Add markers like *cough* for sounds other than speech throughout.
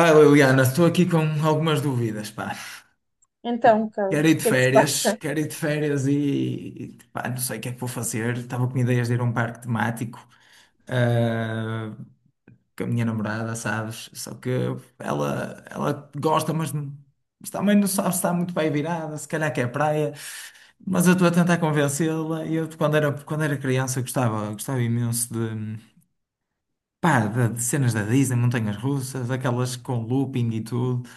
Ah, Liliana, estou aqui com algumas dúvidas, pá. Então, Quero Carlos, ir o de que é que se férias, passa? quero ir de férias pá, não sei o que é que vou fazer. Estava com ideias de ir a um parque temático, ah, com a minha namorada, sabes? Só que ela gosta, mas, mas também não sabe se está muito bem virada, se calhar quer praia. Mas eu estou a tentar convencê-la. Eu, quando era criança, eu gostava imenso de cenas da Disney, montanhas russas, aquelas com looping e tudo.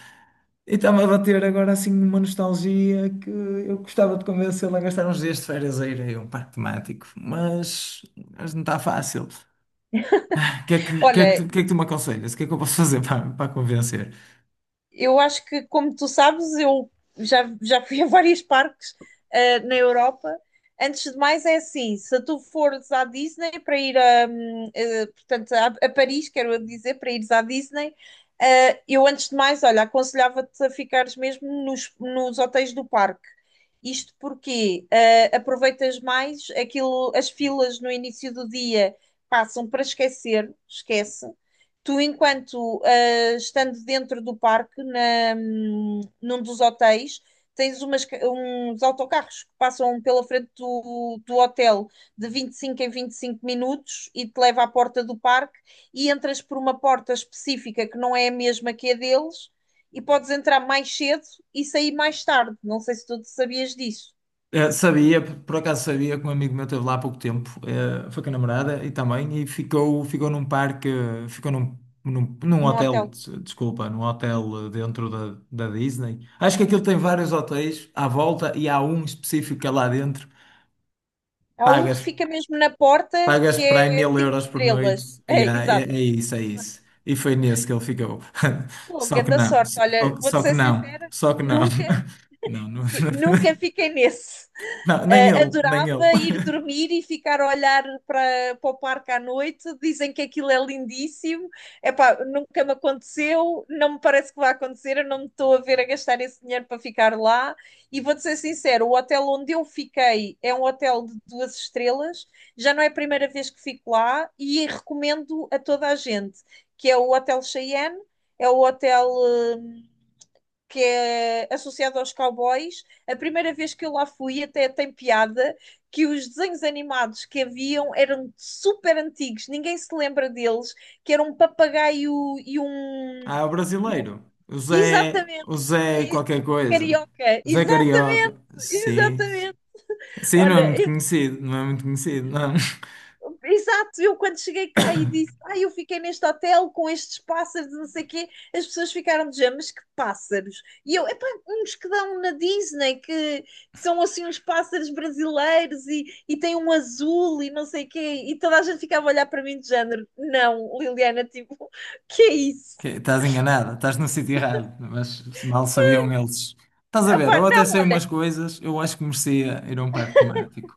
E estava a bater agora assim uma nostalgia que eu gostava de convencê-lo a gastar uns dias de férias a ir aí a um parque temático, mas não está fácil. O que é que, o que é que tu, Olha, o que é que tu me aconselhas? O que é que eu posso fazer *laughs* para convencer? eu acho que, como tu sabes, eu já fui a vários parques, na Europa. Antes de mais, é assim: se tu fores à Disney para ir a, portanto, a Paris, quero dizer, para ires à Disney, eu antes de mais, olha, aconselhava-te a ficares mesmo nos hotéis do parque. Isto porque aproveitas mais aquilo, as filas no início do dia passam para esquecer, esquece. Tu, enquanto estando dentro do parque, num dos hotéis, tens umas uns autocarros que passam pela frente do hotel de 25 em 25 minutos e te leva à porta do parque e entras por uma porta específica que não é a mesma que a deles e podes entrar mais cedo e sair mais tarde. Não sei se tu sabias disso Sabia, por acaso sabia que um amigo meu esteve lá há pouco tempo, foi com a namorada e também, e ficou num parque, num no hotel, hotel. Desculpa, num hotel dentro da Disney. Acho que aquilo tem vários hotéis à volta e há um específico que é lá dentro. Há um que Pagas. fica mesmo na porta Pagas que para é mil cinco euros por estrelas. noite. É, Yeah, exato. é isso, é isso. E foi nesse que ele ficou. *laughs* Pô, Só que grande não, sorte. Olha, vou-te só que ser não, sincera, só que não. nunca *laughs* Não, não, nunca fiquei nesse. *laughs* não, nem ele, nem ele. Adorava ir *laughs* dormir e ficar a olhar para o parque à noite. Dizem que aquilo é lindíssimo. Epá, nunca me aconteceu, não me parece que vai acontecer. Eu não me estou a ver a gastar esse dinheiro para ficar lá. E vou-te ser sincero: o hotel onde eu fiquei é um hotel de duas estrelas. Já não é a primeira vez que fico lá e recomendo a toda a gente, que é o Hotel Cheyenne. É o hotel, que é associado aos cowboys. A primeira vez que eu lá fui, até tem piada, que os desenhos animados que haviam eram super antigos, ninguém se lembra deles, que era um papagaio e um. Ah, o e um- brasileiro. Exatamente, O Zé e- qualquer coisa. Carioca, Zé Carioca. exatamente, Sim. exatamente. Sim, não é Olha, muito conhecido, não é muito conhecido, não. *laughs* exato, eu quando cheguei cá e disse, eu fiquei neste hotel com estes pássaros, não sei o quê, as pessoas ficaram de género, mas que pássaros? E eu, epá, uns que dão na Disney, que são assim uns pássaros brasileiros e têm um azul e não sei o quê, e toda a gente ficava a olhar para mim de género, não, Liliana, *laughs* tipo, que é isso? Estás enganada, estás no sítio errado, mas mal sabiam eles. Estás a ver, Epá, eu até não, sei olha, umas coisas, eu acho que merecia ir a um parque temático.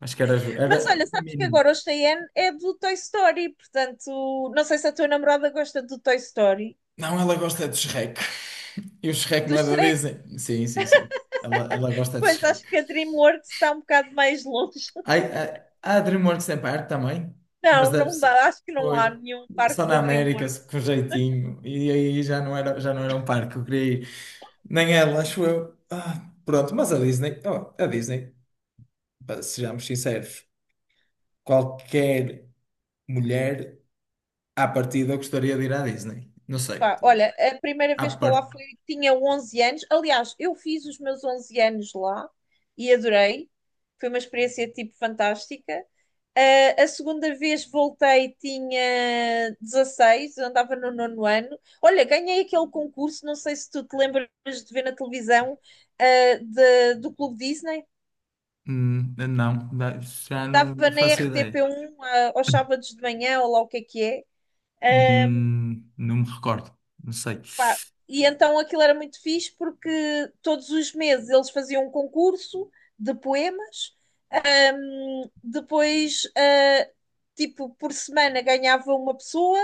Acho que era, mas era olha, o sabes que mínimo. agora o Cheyenne é do Toy Story, portanto, não sei se a tua namorada gosta do Toy Story, Não, ela gosta de Shrek. E o Shrek do não é da Shrek. Disney? Sim, sim, sim. Ela gosta de Pois Shrek. acho que a DreamWorks está um bocado mais longe. Ai, *laughs* a DreamWorks tem parte também, mas Não, deve não ser. dá, acho que não Pois. há nenhum parque Só da na América, DreamWorks. Com jeitinho. E aí já não era um parque que eu queria ir. Nem ela, acho eu. Ah, pronto, mas a Disney, oh, a Disney, pá, sejamos sinceros, qualquer mulher à partida gostaria de ir à Disney. Não sei. Pá, olha, a primeira À vez que eu lá partida. fui tinha 11 anos. Aliás, eu fiz os meus 11 anos lá e adorei. Foi uma experiência tipo fantástica. A segunda vez voltei tinha 16, eu andava no nono ano. Olha, ganhei aquele concurso, não sei se tu te lembras de ver na televisão, ah, do Clube Disney. Não, já não, Dava não na faço ideia. RTP1, aos sábados de manhã, ou lá o que é que é. Ahm, Não me recordo, não sei. Pá, e então aquilo era muito fixe porque todos os meses eles faziam um concurso de poemas, depois, tipo, por semana ganhava uma pessoa.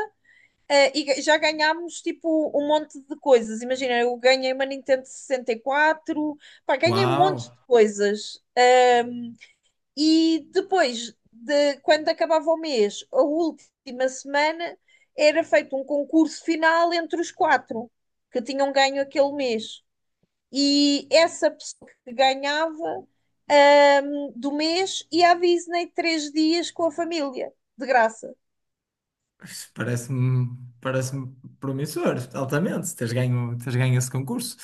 Já ganhámos tipo um monte de coisas. Imagina, eu ganhei uma Nintendo 64, pá, ganhei um monte Uau, de coisas. E depois, quando acabava o mês, a última semana, era feito um concurso final entre os quatro que tinham ganho aquele mês. E essa pessoa que ganhava do mês ia à Disney 3 dias com a família, de graça. isto parece-me parece-me promissor, altamente. Teres ganho esse concurso.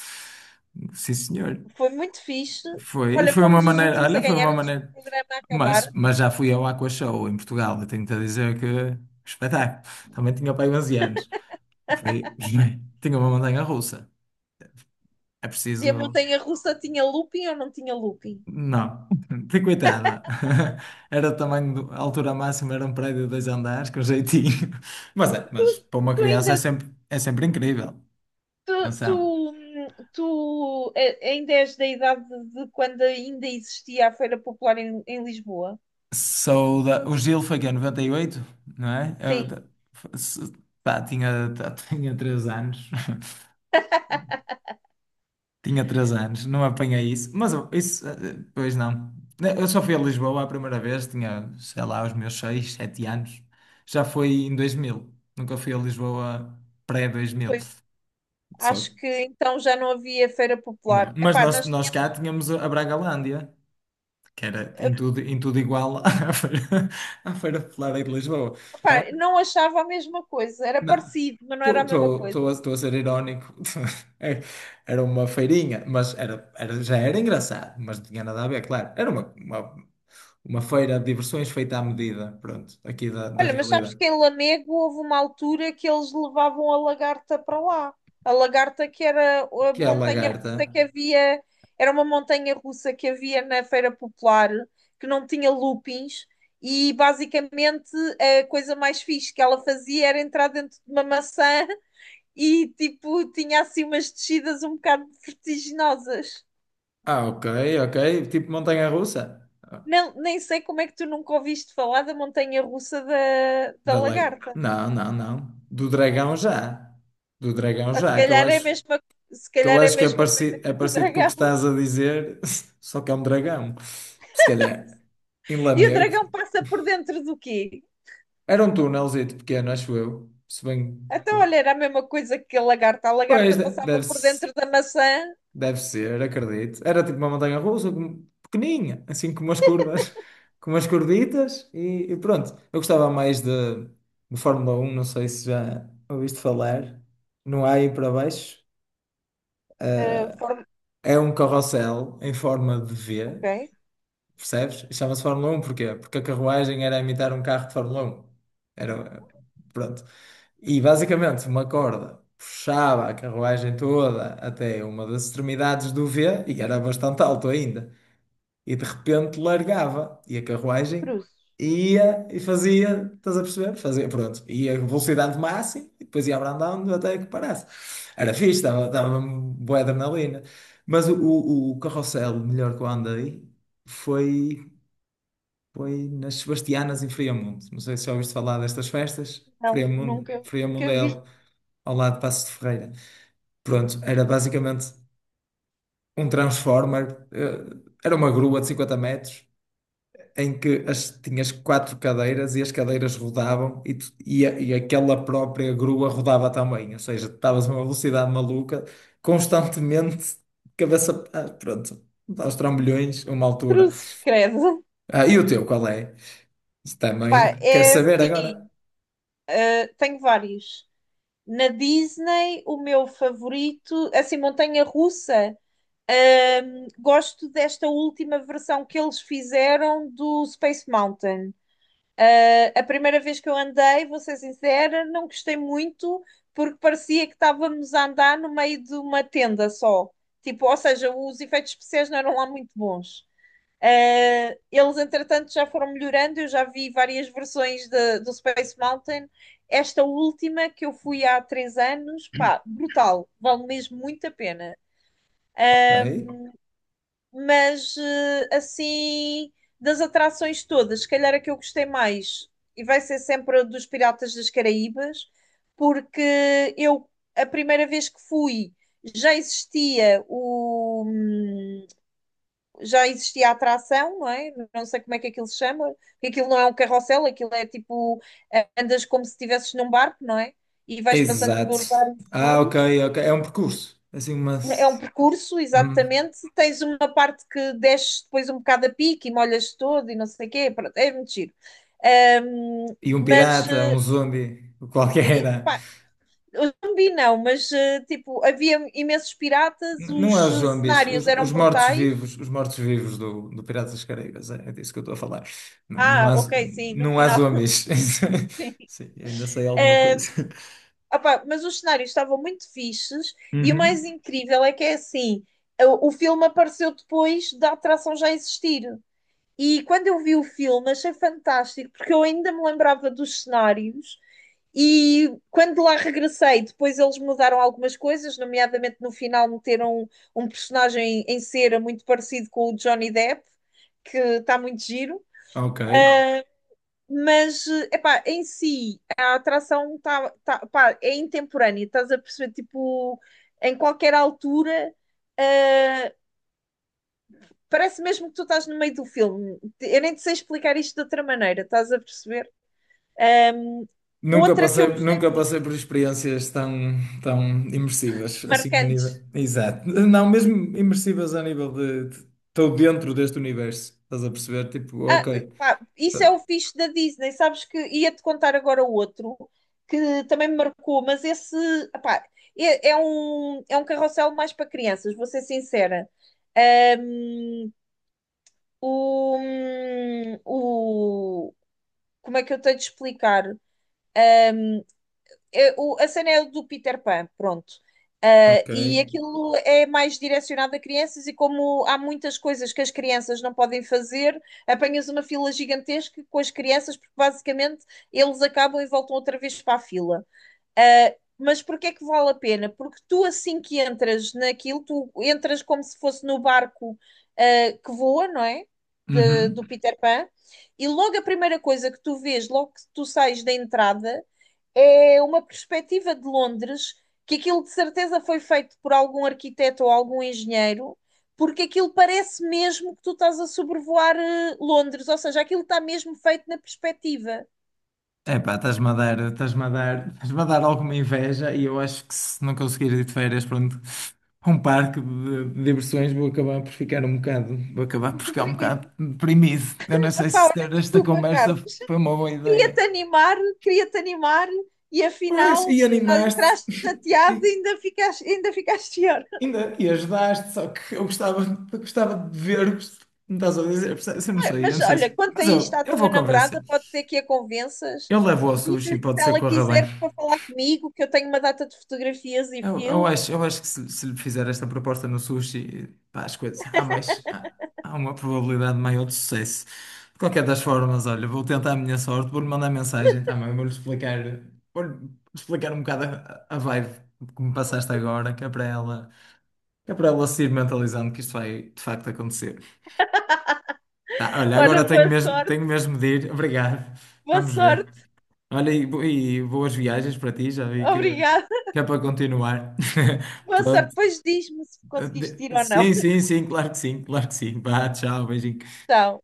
Sim, senhor. Foi muito fixe. Foi, e Olha, foi uma fomos os maneira, últimos a olha, foi ganhar uma antes do maneira. programa acabar. Mas já fui ao Aqua Show em Portugal, eu tenho-te a dizer que espetáculo. Também tinha pai aí anos. Foi, *laughs* tinha uma montanha-russa. É E a preciso. montanha russa tinha looping ou não tinha looping? Não, *laughs* tem coitada. *laughs* Era o tamanho, a altura máxima era um prédio de 2 andares, com jeitinho. *laughs* Mas é, Tu mas para uma tu criança ainda é sempre incrível. Tu, tu, Atenção. tu ainda és da idade de quando ainda existia a Feira Popular em Lisboa? Sou da, o Gil foi que é 98, não é? Eu, Sim, da- f- se- pá, tinha, tá, *laughs* tinha 3 anos. *laughs* Tinha três anos, não apanhei isso. Isso, pois não. Eu só fui a Lisboa a primeira vez, tinha, sei lá, os meus seis, sete anos. Já foi em 2000. Nunca fui a Lisboa pré-2000. pois Só, acho que então já não havia Feira não. Popular. Epá, nós Nós tínhamos, cá tínhamos a Bragalândia, que era em tudo igual *laughs* à Feira Popular aí de Lisboa. Então, epá, não achava a mesma coisa, era não, parecido, mas não era a mesma coisa. estou a ser irónico. *laughs* É, era uma feirinha, já era engraçado, mas não tinha nada a ver, claro. Era uma feira de diversões feita à medida, pronto, aqui da Olha, mas sabes realidade. que em Lamego houve uma altura que eles levavam a lagarta para lá. A lagarta que era a Que é a montanha lagarta. russa que havia, era uma montanha russa que havia na Feira Popular, que não tinha loopings, e basicamente a coisa mais fixe que ela fazia era entrar dentro de uma maçã e tipo tinha assim umas descidas um bocado vertiginosas. Ah, ok, ok. Tipo montanha-russa. Não, nem sei como é que tu nunca ouviste falar da montanha russa Da da lag... lagarta. Não, não, não. Do dragão já. Do dragão Ou se já, calhar é a mesma, Se eu calhar é a acho que mesma coisa que é o do parecido com o que dragão. estás a dizer, *laughs* só que é um dragão. Se calhar. Em E o Lamego. dragão passa por dentro do quê? Era um túnelzito pequeno, acho eu. Se bem que. Então, olha, era a mesma coisa que a lagarta. A Pois, lagarta de- passava deve, por se- dentro da maçã. deve ser, acredito. Era tipo uma montanha russa, pequeninha, assim com umas curvas, *laughs* com umas curvitas e pronto. Eu gostava mais de Fórmula 1, não sei se já ouviste falar. Não há aí para baixo. eh, forma- É um carrossel em forma de V, Ok. percebes? E chama-se Fórmula 1, porquê? Porque a carruagem era imitar um carro de Fórmula 1. Era, pronto, e basicamente uma corda puxava a carruagem toda até uma das extremidades do V, e era bastante alto ainda, e de repente largava, e a carruagem Cruzes. ia e fazia, estás a perceber? Fazia, pronto, ia a velocidade máxima e depois ia abrandando até que parasse. Era fixe, dava boa adrenalina. Mas o carrossel melhor que eu andei foi, foi nas Sebastianas em Friamonte. Não sei se já ouviste falar destas festas. Não, Friamonte nunca vi ao lado de Paços de Ferreira. Pronto, era basicamente um transformer, era uma grua de 50 metros, em que as, tinhas 4 cadeiras e as cadeiras rodavam e aquela própria grua rodava também, ou seja, estavas a uma velocidade maluca, constantemente, cabeça, pronto, aos trambolhões, a uma altura. cruzes, credo. Ah, e o teu, qual é? Isso Pá, também quer é saber agora? assim. Tenho vários. Na Disney, o meu favorito, assim, montanha-russa. Gosto desta última versão que eles fizeram do Space Mountain. A primeira vez que eu andei, vou ser sincera, não gostei muito porque parecia que estávamos a andar no meio de uma tenda só. Tipo, ou seja, os efeitos especiais não eram lá muito bons. Eles, entretanto, já foram melhorando. Eu já vi várias versões do Space Mountain. Esta última que eu fui há 3 anos, pá, brutal. Vale mesmo muito a pena. Ah, Ok. mas assim, das atrações todas, se calhar a que eu gostei mais, e vai ser sempre a dos Piratas das Caraíbas, porque eu, a primeira vez que fui, já existia o, hum, já existia a atração, não é? Não sei como é que aquilo se chama, porque aquilo não é um carrossel, aquilo é tipo, andas como se estivesses num barco, não é? E vais passando Exato. por vários Ah, ok, cenários. ok. É um percurso. Assim, uma. É um percurso, Hum. exatamente. Tens uma parte que desces depois um bocado a pique e molhas todo e não sei o quê. Pronto, é muito giro. Ahm, E um mas, pirata, um zombi, qualquer. Era. pá, eu não vi não, mas tipo, havia imensos piratas, Não é os os zombies, cenários eram brutais. Os mortos-vivos do Piratas das Caraíbas, é disso que eu estou a falar. Não, não Ah, há, ok, sim, no não há final. *laughs* zombies. *laughs* Sim, ainda sei alguma Eh, coisa. Opá, mas os cenários estavam muito fixes e o Uhum. mais incrível é que é assim, o filme apareceu depois da atração já existir. E quando eu vi o filme, achei fantástico, porque eu ainda me lembrava dos cenários. E quando lá regressei, depois eles mudaram algumas coisas, nomeadamente no final meteram um personagem em cera muito parecido com o Johnny Depp, que está muito giro. Ok. Mas, epá, em si, a atração tá, pá, é intemporânea, estás a perceber? Tipo, em qualquer altura, uh, parece mesmo que tu estás no meio do filme. Eu nem te sei explicar isto de outra maneira, estás a perceber? Um, Nunca Outra que eu passei, gostei nunca muito, passei por experiências tão, tão imersivas, assim a nível. marcante. Exato. Não, mesmo imersivas a nível estou dentro deste universo, estás a perceber? Tipo, Ah, ok. Pá, Tá. isso é o fixe da Disney, sabes que ia-te contar agora outro que também me marcou, mas esse pá, é um carrossel mais para crianças, vou ser sincera. Um, o, o, Como é que eu tenho de explicar? A cena é do Peter Pan, pronto. Ok. E aquilo é mais direcionado a crianças, e como há muitas coisas que as crianças não podem fazer, apanhas uma fila gigantesca com as crianças, porque basicamente eles acabam e voltam outra vez para a fila. Ah, mas porque é que vale a pena? Porque tu, assim que entras naquilo, tu entras como se fosse no barco, que voa, não é? Do Uhum. Peter Pan, e logo a primeira coisa que tu vês, logo que tu sais da entrada, é uma perspectiva de Londres que aquilo de certeza foi feito por algum arquiteto ou algum engenheiro, porque aquilo parece mesmo que tu estás a sobrevoar Londres, ou seja, aquilo está mesmo feito na perspectiva. Epá, estás-me a dar alguma inveja e eu acho que se não conseguir ir de férias, pronto, a um parque de diversões, vou acabar por ficar um bocado, vou acabar por ficar um bocado Deprimido. deprimido. Eu não sei Epá, se ter olha, esta desculpa, conversa Carlos. foi uma boa Queria-te ideia. animar, queria-te animar, e Pois, afinal e tu já animaste, entraste *laughs* e chateado e ainda ficaste pior. e ajudaste, só que eu gostava de ver-vos. Me estás a dizer, percebes? Eu não Mas sei olha, se. quanto a isto à Eu tua vou convencer. namorada, pode ser que a convenças. Eu levo ao sushi, Diz-lhe que se pode ser que ela corra bem. quiser para falar comigo, que eu tenho uma data de fotografias e filmes. Eu acho que se lhe fizer esta proposta no sushi, pá, as coisas, há há uma probabilidade maior de sucesso. De qualquer das formas, olha, vou tentar a minha sorte, vou-lhe mandar mensagem também, vou-lhe explicar um bocado a vibe que me passaste agora, que é para ela se ir mentalizando que isto vai de facto acontecer. Tá, olha, Olha, agora boa sorte, tenho mesmo de ir, *laughs* obrigado, boa vamos ver. sorte. Olha, e boas viagens para ti, já vi Obrigada. que é para continuar. *laughs* Boa sorte. Pronto. Depois diz-me se conseguiste ir ou não. Sim, sim, sim, claro que sim, claro que sim. Vá, tchau, beijinho. Então.